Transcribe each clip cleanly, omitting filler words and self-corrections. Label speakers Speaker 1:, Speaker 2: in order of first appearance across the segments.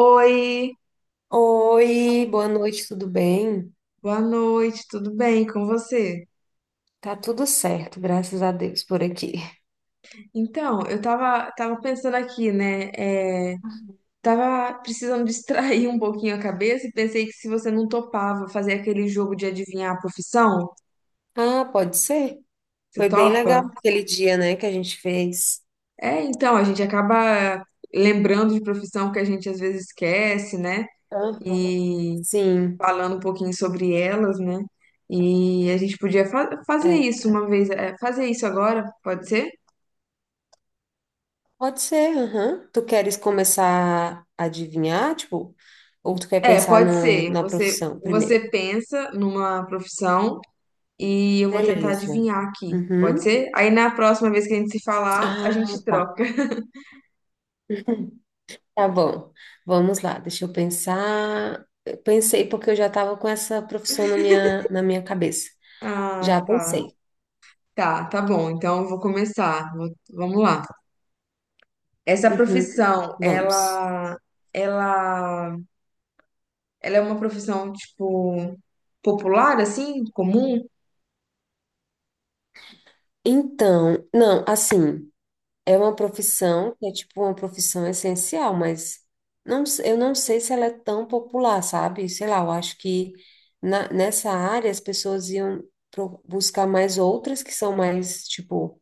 Speaker 1: Oi,
Speaker 2: Oi, boa noite, tudo bem?
Speaker 1: boa noite, tudo bem com você?
Speaker 2: Tá tudo certo, graças a Deus por aqui.
Speaker 1: Então, eu tava pensando aqui, né? Tava precisando distrair um pouquinho a cabeça e pensei que se você não topava fazer aquele jogo de adivinhar a profissão,
Speaker 2: Ah, pode ser?
Speaker 1: você
Speaker 2: Foi bem
Speaker 1: topa?
Speaker 2: legal aquele dia, né, que a gente fez.
Speaker 1: É, então, a gente acaba lembrando de profissão que a gente às vezes esquece, né?
Speaker 2: Aham.
Speaker 1: E
Speaker 2: Sim,
Speaker 1: falando um pouquinho sobre elas, né? E a gente podia fazer isso
Speaker 2: é.
Speaker 1: uma vez, é, fazer isso agora, pode ser?
Speaker 2: Pode ser, aham. Tu queres começar a adivinhar, tipo, ou tu quer
Speaker 1: É,
Speaker 2: pensar
Speaker 1: pode
Speaker 2: no,
Speaker 1: ser.
Speaker 2: na
Speaker 1: Você,
Speaker 2: profissão primeiro?
Speaker 1: você pensa numa profissão e eu vou tentar
Speaker 2: Beleza.
Speaker 1: adivinhar aqui. Pode
Speaker 2: Uhum.
Speaker 1: ser? Aí na próxima vez que a gente se falar, a
Speaker 2: Ah,
Speaker 1: gente
Speaker 2: tá.
Speaker 1: troca.
Speaker 2: Tá bom. Vamos lá, deixa eu pensar. Eu pensei porque eu já estava com essa profissão na minha cabeça. Já
Speaker 1: Ah, tá.
Speaker 2: pensei.
Speaker 1: Tá, tá bom. Então eu vou começar. Vamos lá. Essa
Speaker 2: Uhum.
Speaker 1: profissão,
Speaker 2: Vamos.
Speaker 1: ela, ela é uma profissão, tipo, popular, assim, comum?
Speaker 2: Então, não, assim, é uma profissão que é tipo uma profissão essencial, mas não, eu não sei se ela é tão popular, sabe? Sei lá, eu acho que nessa área as pessoas iam buscar mais outras que são mais, tipo,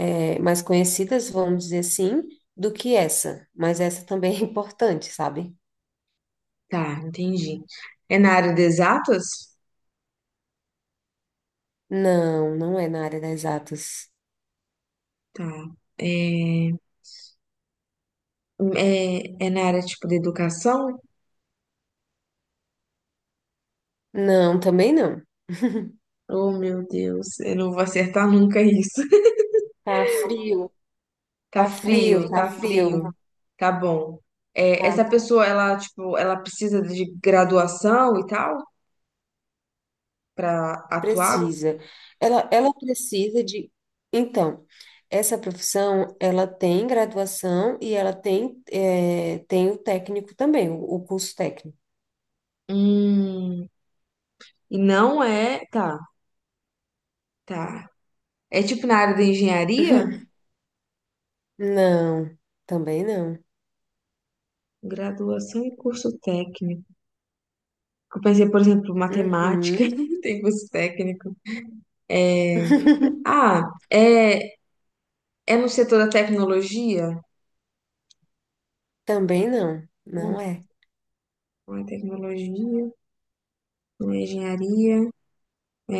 Speaker 2: mais conhecidas, vamos dizer assim, do que essa. Mas essa também é importante, sabe?
Speaker 1: Tá, entendi. É na área de exatas?
Speaker 2: Não, não é na área das exatas.
Speaker 1: Tá. É, é na área, tipo, de educação?
Speaker 2: Não, também não.
Speaker 1: Oh, meu Deus, eu não vou acertar nunca isso.
Speaker 2: Tá frio.
Speaker 1: Tá
Speaker 2: Tá frio,
Speaker 1: frio,
Speaker 2: tá
Speaker 1: tá
Speaker 2: frio,
Speaker 1: frio. Tá bom. É, essa
Speaker 2: tá.
Speaker 1: pessoa, ela, tipo, ela precisa de graduação e tal pra atuar?
Speaker 2: Precisa. Ela precisa de. Então, essa profissão, ela tem graduação e ela tem, tem o técnico também, o curso técnico.
Speaker 1: Hum, e não é. Tá, tá. É tipo na área da engenharia?
Speaker 2: Não, também não.
Speaker 1: Graduação e curso técnico. Eu pensei, por exemplo, matemática,
Speaker 2: Uhum.
Speaker 1: tem curso técnico. É, ah, é, é no setor da tecnologia?
Speaker 2: Também não,
Speaker 1: Hum,
Speaker 2: não é.
Speaker 1: Não é tecnologia, não é engenharia. É,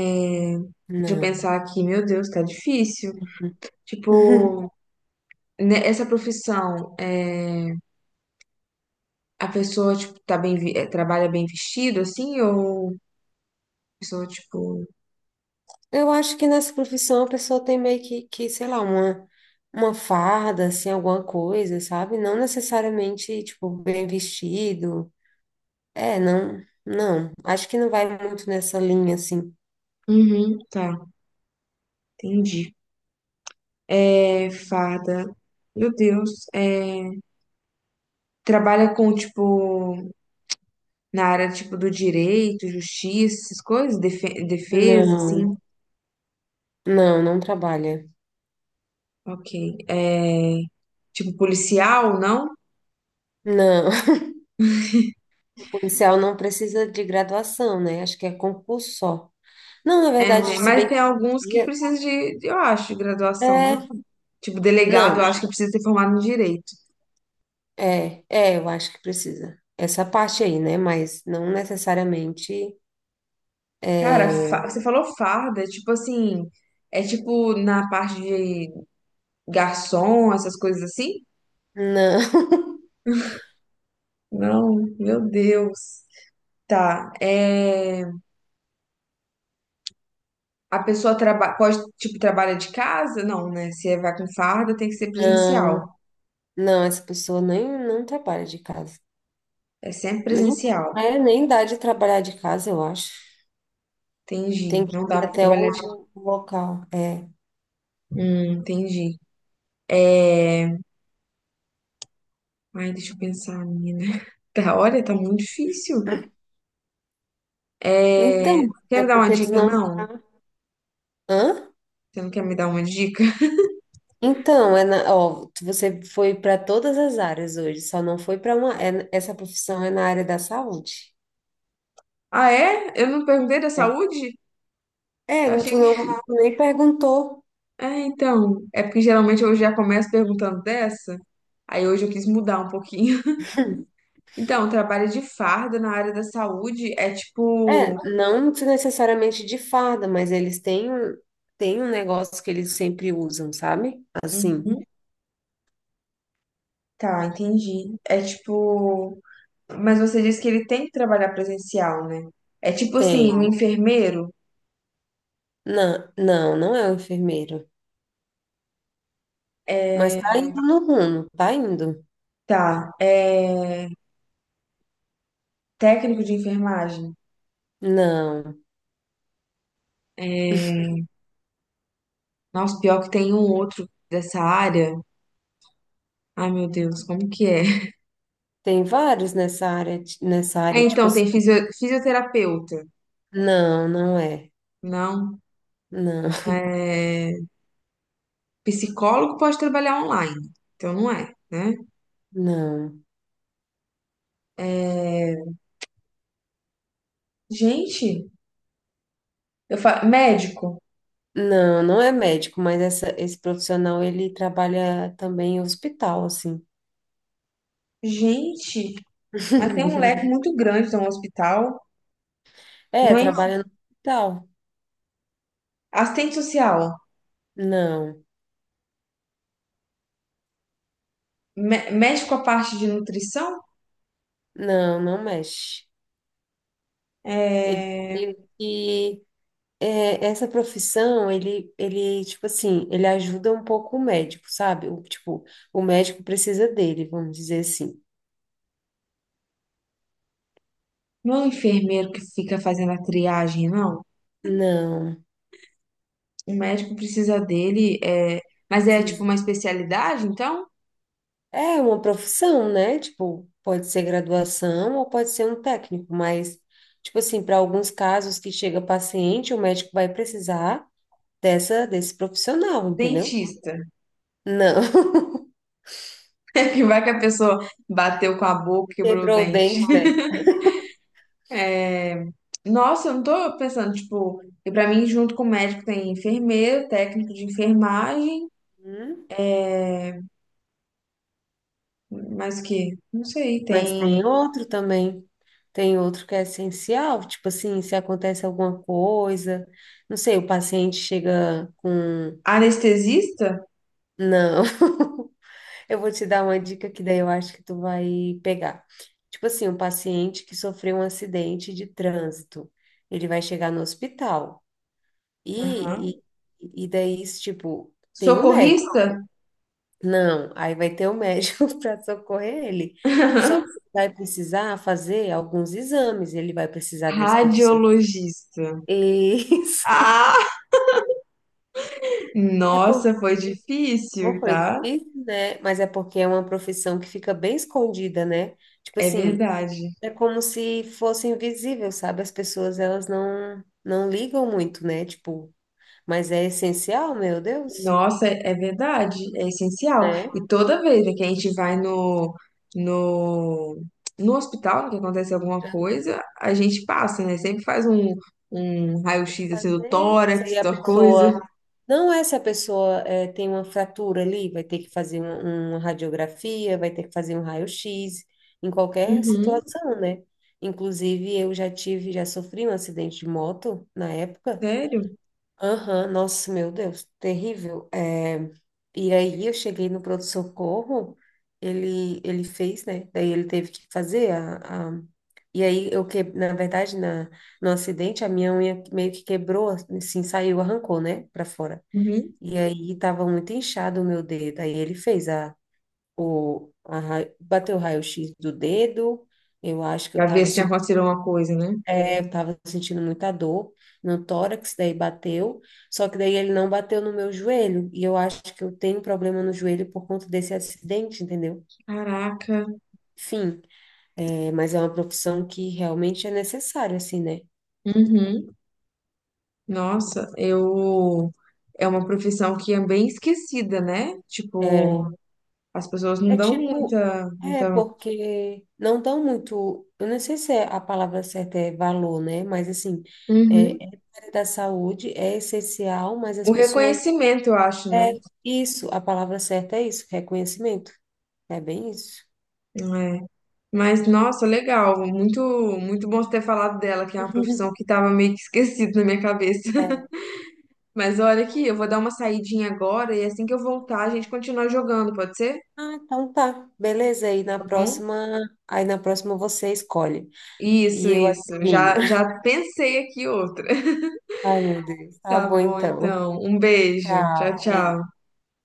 Speaker 1: deixa eu
Speaker 2: Não.
Speaker 1: pensar aqui, meu Deus, tá difícil. Tipo, né, essa profissão, é, a pessoa, tipo, tá bem, trabalha bem vestido, assim, ou a pessoa, tipo...
Speaker 2: Eu acho que nessa profissão a pessoa tem meio que sei lá, uma farda, assim, alguma coisa, sabe? Não necessariamente, tipo, bem vestido. É, não, não. Acho que não vai muito nessa linha, assim.
Speaker 1: Uhum, tá, entendi. É, farda, meu Deus, é, trabalha com, tipo, na área, tipo, do direito, justiça, essas coisas, defesa,
Speaker 2: Não,
Speaker 1: assim,
Speaker 2: não, não trabalha.
Speaker 1: ok. É, tipo, policial, não?
Speaker 2: Não. O policial não precisa de graduação, né? Acho que é concurso só. Não, na
Speaker 1: É, né?
Speaker 2: verdade, se
Speaker 1: Mas
Speaker 2: bem
Speaker 1: tem
Speaker 2: que hoje
Speaker 1: alguns
Speaker 2: em
Speaker 1: que
Speaker 2: dia-
Speaker 1: precisam eu acho, de graduação, não?
Speaker 2: é,
Speaker 1: Tipo, delegado, eu
Speaker 2: não,
Speaker 1: acho que precisa ser formado em direito.
Speaker 2: eu acho que precisa. Essa parte aí, né? Mas não necessariamente.
Speaker 1: Cara,
Speaker 2: é,
Speaker 1: você falou farda, tipo assim, é tipo na parte de garçom, essas coisas assim?
Speaker 2: Não,
Speaker 1: Não, meu Deus. Tá, é... A pessoa traba... pode, tipo, trabalha de casa? Não, né? Se é, vai com farda, tem que ser presencial.
Speaker 2: não, não, essa pessoa nem não trabalha de casa.
Speaker 1: É sempre
Speaker 2: Nem,
Speaker 1: presencial.
Speaker 2: nem dá de trabalhar de casa, eu acho.
Speaker 1: Entendi.
Speaker 2: Tem que
Speaker 1: Não
Speaker 2: ir
Speaker 1: dá pra
Speaker 2: até
Speaker 1: trabalhar de...
Speaker 2: o local. É.
Speaker 1: Entendi. É... Ai, deixa eu pensar, menina. Tá, olha, tá muito difícil. É...
Speaker 2: Então,
Speaker 1: Quer
Speaker 2: é
Speaker 1: me dar uma
Speaker 2: porque tu
Speaker 1: dica,
Speaker 2: não
Speaker 1: não?
Speaker 2: tá. Hã?
Speaker 1: Você não quer me dar uma dica?
Speaker 2: Então, ó, você foi para todas as áreas hoje, só não foi para uma. Essa profissão é na área da saúde.
Speaker 1: Ah, é? Eu não perguntei da
Speaker 2: É,
Speaker 1: saúde? Eu
Speaker 2: é,
Speaker 1: achei
Speaker 2: tu não
Speaker 1: que.
Speaker 2: tu nem perguntou.
Speaker 1: Ah, então. É porque geralmente eu já começo perguntando dessa. Aí hoje eu quis mudar um pouquinho. Então, trabalho de farda na área da saúde é
Speaker 2: É,
Speaker 1: tipo.
Speaker 2: não se necessariamente de farda, mas eles têm um negócio que eles sempre usam, sabe? Assim,
Speaker 1: Uhum, tá, entendi. É tipo. Mas você disse que ele tem que trabalhar presencial, né? É tipo assim, um
Speaker 2: tem.
Speaker 1: enfermeiro.
Speaker 2: Não, não, não é um enfermeiro. Mas tá indo no rumo, tá indo.
Speaker 1: Tá. É. Técnico de enfermagem.
Speaker 2: Não,
Speaker 1: Nossa, pior que tem um outro dessa área. Ai, meu Deus, como que é?
Speaker 2: tem vários nessa área, ti- nessa
Speaker 1: É,
Speaker 2: área, tipo
Speaker 1: então, tem
Speaker 2: assim.
Speaker 1: fisioterapeuta.
Speaker 2: Não, não é.
Speaker 1: Não.
Speaker 2: Não,
Speaker 1: É, psicólogo pode trabalhar online. Então, não é, né?
Speaker 2: não.
Speaker 1: É, gente, eu falo... Médico.
Speaker 2: Não, não é médico, mas esse profissional ele trabalha também em hospital, assim.
Speaker 1: Gente, mas tem um leque muito grande no hospital.
Speaker 2: É,
Speaker 1: Não é...
Speaker 2: trabalha no hospital.
Speaker 1: Assistente social.
Speaker 2: Não,
Speaker 1: Médico a parte de nutrição?
Speaker 2: não, não mexe. Ele,
Speaker 1: É...
Speaker 2: ele, e, Essa profissão, tipo assim, ele ajuda um pouco o médico, sabe? Tipo, o médico precisa dele, vamos dizer assim.
Speaker 1: Não é o enfermeiro que fica fazendo a triagem, não?
Speaker 2: Não,
Speaker 1: O médico precisa dele, é... mas é tipo
Speaker 2: precisa.
Speaker 1: uma especialidade, então?
Speaker 2: É uma profissão, né? Tipo, pode ser graduação ou pode ser um técnico, mas, tipo assim, para alguns casos que chega paciente, o médico vai precisar desse profissional, entendeu?
Speaker 1: Dentista.
Speaker 2: Não.
Speaker 1: Que vai que a pessoa bateu com a boca, quebrou o
Speaker 2: Quebrou o
Speaker 1: dente.
Speaker 2: dente, né?
Speaker 1: Nossa, eu não tô pensando, tipo, e pra mim, junto com o médico, tem enfermeiro, técnico de enfermagem,
Speaker 2: Hum,
Speaker 1: mais o quê? Não sei,
Speaker 2: Mas
Speaker 1: tem
Speaker 2: tem outro também. Tem outro que é essencial, tipo assim, se acontece alguma coisa, não sei, o paciente chega com.
Speaker 1: anestesista?
Speaker 2: Não. Eu vou te dar uma dica que daí eu acho que tu vai pegar. Tipo assim, um paciente que sofreu um acidente de trânsito, ele vai chegar no hospital
Speaker 1: Aham.
Speaker 2: e, e daí, tipo, tem um médico.
Speaker 1: Socorrista?
Speaker 2: Não, aí vai ter um médico para socorrer ele. Só que vai precisar fazer alguns exames, ele vai precisar desse profissional.
Speaker 1: Radiologista.
Speaker 2: Isso.
Speaker 1: Ah!
Speaker 2: É porque
Speaker 1: Nossa, foi
Speaker 2: não
Speaker 1: difícil,
Speaker 2: foi
Speaker 1: tá?
Speaker 2: difícil, né? Mas é porque é uma profissão que fica bem escondida, né? Tipo
Speaker 1: É
Speaker 2: assim,
Speaker 1: verdade.
Speaker 2: é como se fosse invisível, sabe? As pessoas, elas não ligam muito, né? Tipo, mas é essencial, meu Deus,
Speaker 1: Nossa, é é verdade, é essencial.
Speaker 2: né?
Speaker 1: E toda vez né, que a gente vai no, no hospital, né, que acontece alguma
Speaker 2: Ela
Speaker 1: coisa, a gente passa, né? Sempre faz um, um
Speaker 2: Tem que
Speaker 1: raio-x assim do
Speaker 2: fazer. Se
Speaker 1: tórax,
Speaker 2: aí a
Speaker 1: da coisa.
Speaker 2: pessoa... Não é se a pessoa tem uma fratura ali, vai ter que fazer uma radiografia, vai ter que fazer um raio-x, em qualquer
Speaker 1: Uhum,
Speaker 2: situação, né? Inclusive, já sofri um acidente de moto na época.
Speaker 1: sério?
Speaker 2: Aham, nossa, meu Deus, terrível. É, e aí eu cheguei no pronto-socorro, ele fez, né? Daí ele teve que fazer. E aí eu que, na verdade, no acidente, a minha unha meio que quebrou, assim, saiu, arrancou, né? Pra fora.
Speaker 1: Uhum.
Speaker 2: E aí tava muito inchado o meu dedo. Aí ele fez a, o, a, ra- bateu o raio-x do dedo. Eu acho que eu
Speaker 1: Pra ver
Speaker 2: tava
Speaker 1: se tinha
Speaker 2: assim.
Speaker 1: acontecido alguma coisa, né?
Speaker 2: Eu tava sentindo muita dor no tórax, daí bateu, só que daí ele não bateu no meu joelho, e eu acho que eu tenho problema no joelho por conta desse acidente, entendeu?
Speaker 1: Caraca.
Speaker 2: Enfim, mas é uma profissão que realmente é necessária, assim, né?
Speaker 1: Uhum. Nossa, eu. É uma profissão que é bem esquecida, né?
Speaker 2: É,
Speaker 1: Tipo, as pessoas não
Speaker 2: é
Speaker 1: dão
Speaker 2: tipo,
Speaker 1: muita,
Speaker 2: é
Speaker 1: muita...
Speaker 2: porque não dão muito, eu não sei se é a palavra certa é valor, né? Mas assim,
Speaker 1: Uhum.
Speaker 2: é da área da saúde, é essencial, mas as
Speaker 1: O
Speaker 2: pessoas,
Speaker 1: reconhecimento, eu acho, né?
Speaker 2: é isso, a palavra certa é isso, reconhecimento, é bem isso.
Speaker 1: É. Mas, nossa, legal. Muito, muito bom você ter falado dela, que é uma profissão que estava meio que esquecida na minha cabeça.
Speaker 2: É.
Speaker 1: Mas olha aqui, eu vou dar uma saidinha agora e assim que eu voltar, a gente continua jogando, pode ser?
Speaker 2: Ah, então tá. Beleza, aí na
Speaker 1: Tá bom?
Speaker 2: próxima, aí na próxima você escolhe.
Speaker 1: Isso,
Speaker 2: E eu
Speaker 1: isso.
Speaker 2: adivinho.
Speaker 1: Já, já pensei aqui outra.
Speaker 2: Ai, meu Deus. Tá
Speaker 1: Tá
Speaker 2: bom
Speaker 1: bom,
Speaker 2: então.
Speaker 1: então. Um beijo. Tchau,
Speaker 2: Tchau, beijo.
Speaker 1: tchau.